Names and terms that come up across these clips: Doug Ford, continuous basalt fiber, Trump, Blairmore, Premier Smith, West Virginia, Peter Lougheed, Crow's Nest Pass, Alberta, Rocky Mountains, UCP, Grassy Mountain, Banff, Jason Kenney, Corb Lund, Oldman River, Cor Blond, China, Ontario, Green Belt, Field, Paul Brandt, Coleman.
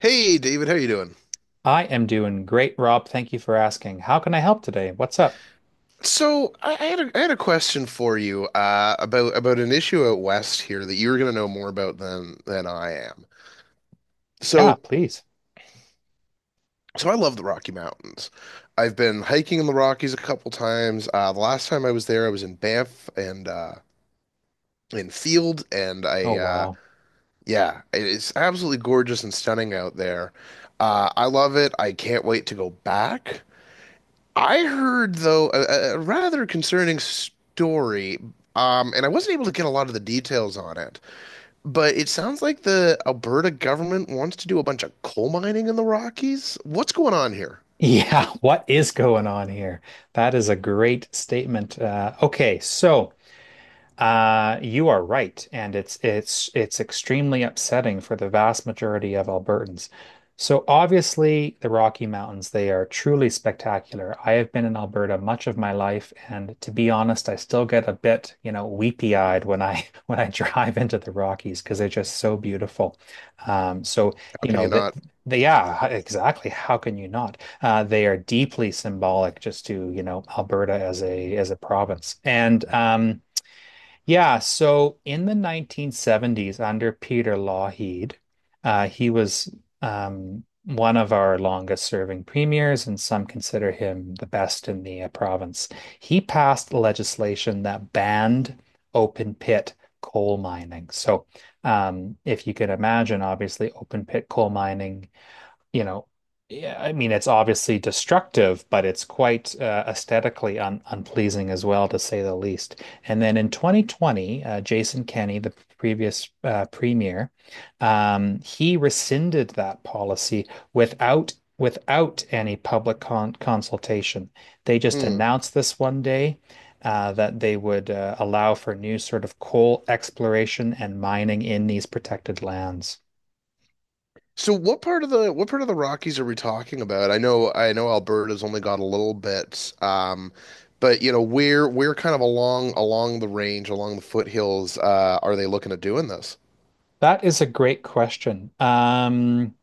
Hey David, how you doing? I am doing great, Rob. Thank you for asking. How can I help today? What's up? So I had I had a question for you about an issue out west here that you're going to know more about than I am. Yeah, So please. so I love the Rocky Mountains. I've been hiking in the Rockies a couple times. The last time I was there, I was in Banff and in Field, and Oh, wow. yeah, it's absolutely gorgeous and stunning out there. I love it. I can't wait to go back. I heard though a rather concerning story, and I wasn't able to get a lot of the details on it. But it sounds like the Alberta government wants to do a bunch of coal mining in the Rockies. What's going on here? Yeah, what is going on here? That is a great statement. Okay. You are right, and it's extremely upsetting for the vast majority of Albertans. So obviously, the Rocky Mountains, they are truly spectacular. I have been in Alberta much of my life, and to be honest, I still get a bit, you know, weepy-eyed when I when I drive into the Rockies because they're just so beautiful. Um, so How you can know you that not? Yeah, exactly. How can you not? They are deeply symbolic just to, you know, Alberta as a province. And Yeah, so in the 1970s, under Peter Lougheed, he was one of our longest serving premiers, and some consider him the best in the province. He passed legislation that banned open pit coal mining. If you can imagine, obviously, open pit coal mining, you know, yeah, I mean, it's obviously destructive, but it's quite aesthetically un unpleasing as well, to say the least. And then in 2020, Jason Kenney, the previous premier, he rescinded that policy without without any public consultation. They just Hmm. announced this one day. That they would allow for new sort of coal exploration and mining in these protected lands. So what part of the what part of the Rockies are we talking about? I know Alberta's only got a little bit, but you know where kind of along along the range, along the foothills, are they looking at doing this? That is a great question.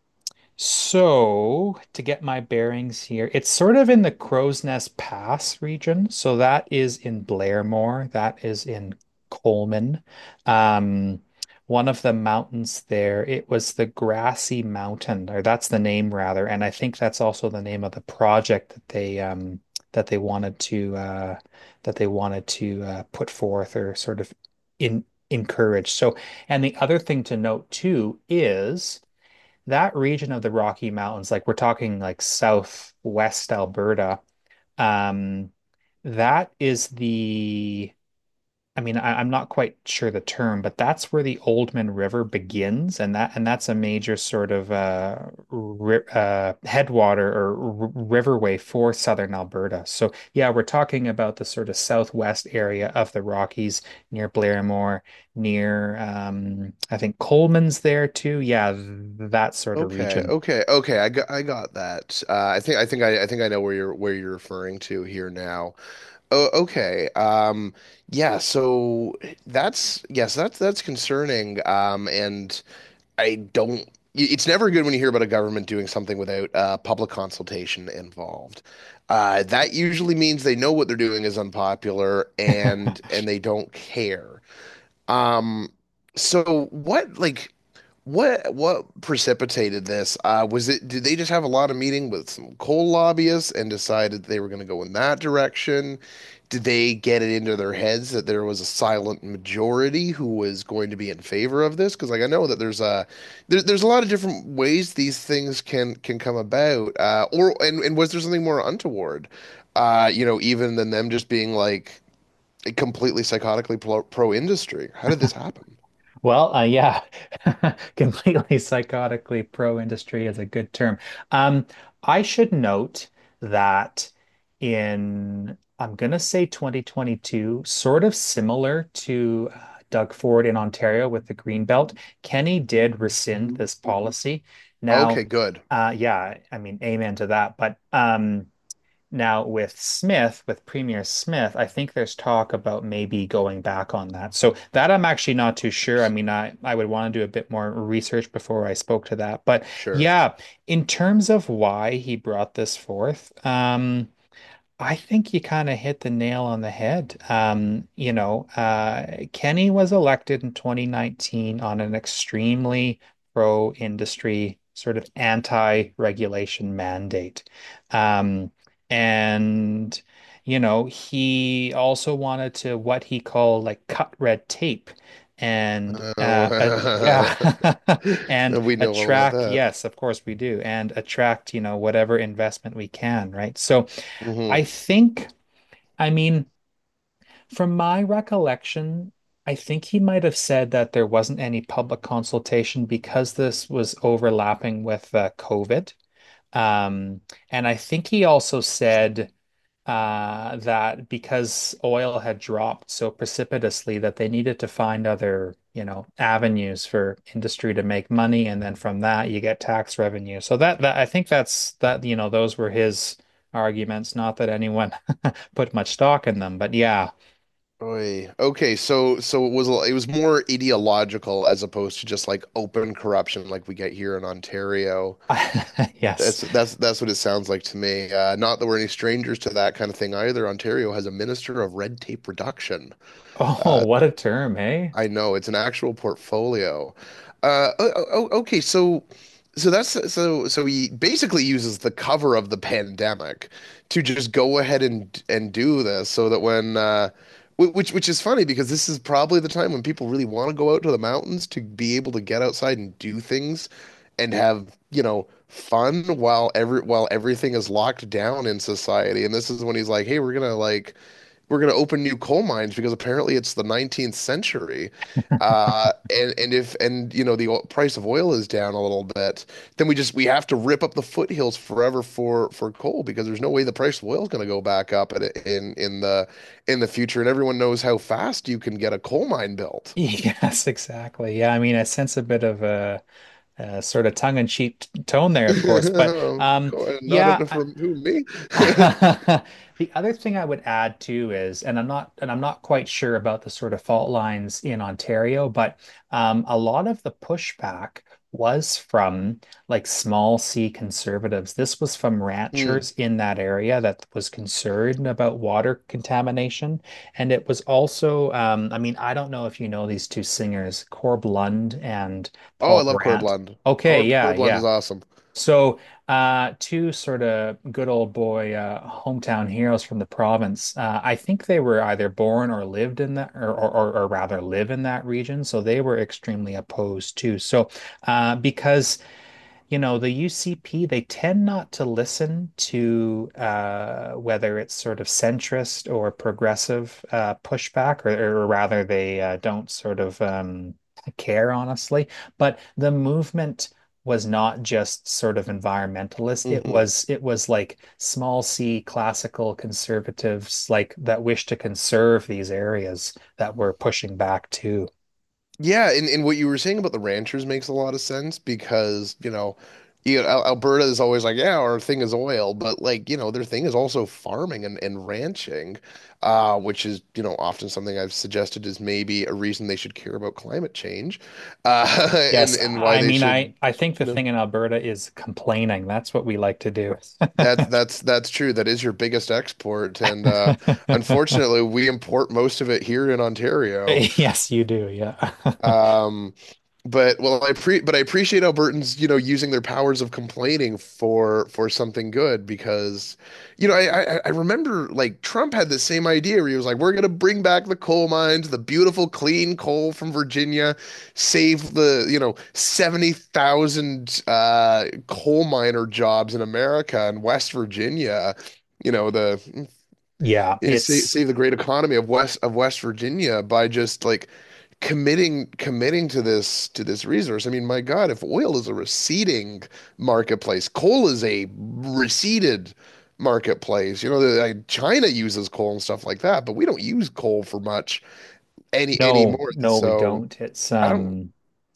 So, to get my bearings here, it's sort of in the Crow's Nest Pass region. So that is in Blairmore, that is in Coleman. Um, One of the mountains there, it was the Grassy Mountain, or that's the name rather, and I think that's also the name of the project that they wanted to that they wanted to put forth or sort of in encourage. So, and the other thing to note too is that region of the Rocky Mountains, like we're talking like southwest Alberta, um, that is the, I mean, I'm not quite sure the term, but that's where the Oldman River begins, and that's a major sort of ri headwater or r riverway for southern Alberta. So yeah, we're talking about the sort of southwest area of the Rockies near Blairmore, near I think Coleman's there too. Yeah, that sort of Okay, region. okay, okay. I got that. I think I know where you're referring to here now. Oh, okay. Yeah. So that's that's concerning. And I don't. I- It's never good when you hear about a government doing something without public consultation involved. That usually means they know what they're doing is unpopular and they don't care. Um, so what precipitated this? Was it Did they just have a lot of meeting with some coal lobbyists and decided they were going to go in that direction? Did they get it into their heads that there was a silent majority who was going to be in favor of this? Because like I know that there's a lot of different ways these things can come about. Or And was there something more untoward? You know, even than them just being like completely psychotically pro industry. How did this happen? Well, yeah, completely psychotically pro-industry is a good term. Um, I should note that in, I'm going to say 2022, sort of similar to Doug Ford in Ontario with the Green Belt, Kenny did rescind this policy. Okay, Now, good. Yeah, I mean, amen to that. But Now, with Smith, with Premier Smith, I think there's talk about maybe going back on that. So that I'm actually not too sure. I mean, I would want to do a bit more research before I spoke to that. But Sure. yeah, in terms of why he brought this forth, I think you kind of hit the nail on the head. Kenny was elected in 2019 on an extremely pro-industry, sort of anti-regulation mandate. Um, and, you know, he also wanted to what he called like cut red tape and Uh, yeah, and we know all about attract, that. yes, of course we do, and attract, you know, whatever investment we can, right? So, I Mm-hmm. think, I mean, from my recollection, I think he might have said that there wasn't any public consultation because this was overlapping with COVID. Um, and I think he also said that because oil had dropped so precipitously that they needed to find other, you know, avenues for industry to make money, and then from that you get tax revenue. So that, that I think that's that, you know, those were his arguments, not that anyone put much stock in them, but yeah. Oy. Okay, so so it was more ideological as opposed to just like open corruption like we get here in Ontario. Yes. That's what it sounds like to me. Not that we're any strangers to that kind of thing either. Ontario has a minister of red tape reduction. Oh, Uh, what a term, hey? I know it's an actual portfolio. Uh, oh, oh, oh, okay, so so that's he basically uses the cover of the pandemic to just go ahead and do this so that when wh- which is funny because this is probably the time when people really want to go out to the mountains to be able to get outside and do things and have, you know, fun while everything is locked down in society. And this is when he's like, "Hey, we're gonna like." We're going to open new coal mines because apparently it's the 19th century. And if and you know the price of oil is down a little bit, then we have to rip up the foothills forever for coal because there's no way the price of oil is going to go back up in in the future. And everyone knows how fast you can get a coal mine built. Yes, exactly. Yeah, I mean, I sense a bit of a sort of tongue-in-cheek tone there, of course, but um, Not yeah, enough I, from who me? the other thing I would add too is, and I'm not quite sure about the sort of fault lines in Ontario, but a lot of the pushback was from like small C conservatives. This was from Hmm. ranchers in that area that was concerned about water contamination, and it was also, I mean, I don't know if you know these two singers, Corb Lund and Oh, I Paul love Cor Brandt. Blond. Okay, Cor, yeah, Cor Blond is yeah. awesome. So, two sort of good old boy hometown heroes from the province. I think they were either born or lived in that, or rather live in that region. So they were extremely opposed too. So, because you know, the UCP, they tend not to listen to whether it's sort of centrist or progressive pushback, or rather, they don't sort of care, honestly. But the movement was not just sort of environmentalist. It Mhm. was it was like small C classical conservatives like that wish to conserve these areas that were pushing back too. Yeah, and what you were saying about the ranchers makes a lot of sense because, you know, Alberta is always like, yeah, our thing is oil, but like, you know, their thing is also farming and ranching, which is, you know, often something I've suggested is maybe a reason they should care about climate change, uh, Yes, and why I they mean, should, I think the you know, thing in Alberta is complaining. That's what we like to do. That's true. That is your biggest export, and unfortunately, we import most of it here in Ontario. Yes, you do. Yeah. Um, but I appreciate Albertans, you know, using their powers of complaining for something good because, you know, I remember like Trump had the same idea where he was like, we're gonna bring back the coal mines, the beautiful clean coal from Virginia, save the, you know, 70,000 coal miner jobs in America and West Virginia. You know, the Yeah, is save, it's save the great economy of West Virginia by just like committing to this resource. I mean, my God, if oil is a receding marketplace, coal is a receded marketplace. You know, the, like, China uses coal and stuff like that, but we don't use coal for much no, anymore. no, we So don't. It's I don't.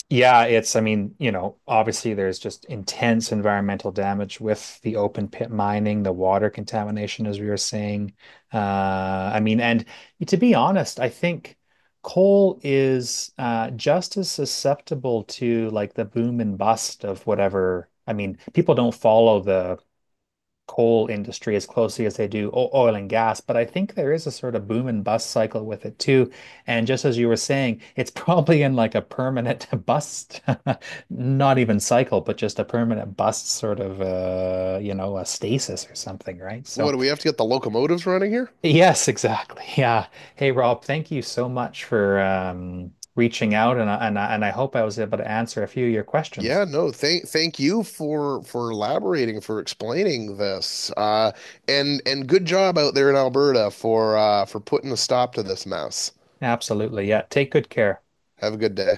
Yeah, it's, I mean, you know, obviously there's just intense environmental damage with the open pit mining, the water contamination, as we were saying. Uh, I mean, and to be honest, I think coal is just as susceptible to like the boom and bust of whatever. I mean, people don't follow the coal industry as closely as they do oil and gas, but I think there is a sort of boom and bust cycle with it too. And just as you were saying, it's probably in like a permanent bust, not even cycle, but just a permanent bust sort of you know, a stasis or something, right? So What do we have to get the locomotives running here? yes, exactly. Yeah. Hey Rob, thank you so much for reaching out and and I hope I was able to answer a few of your Yeah, questions. no, thank thank you for elaborating, for explaining this. And good job out there in Alberta for putting a stop to this mess. Absolutely. Yeah. Take good care. Have a good day.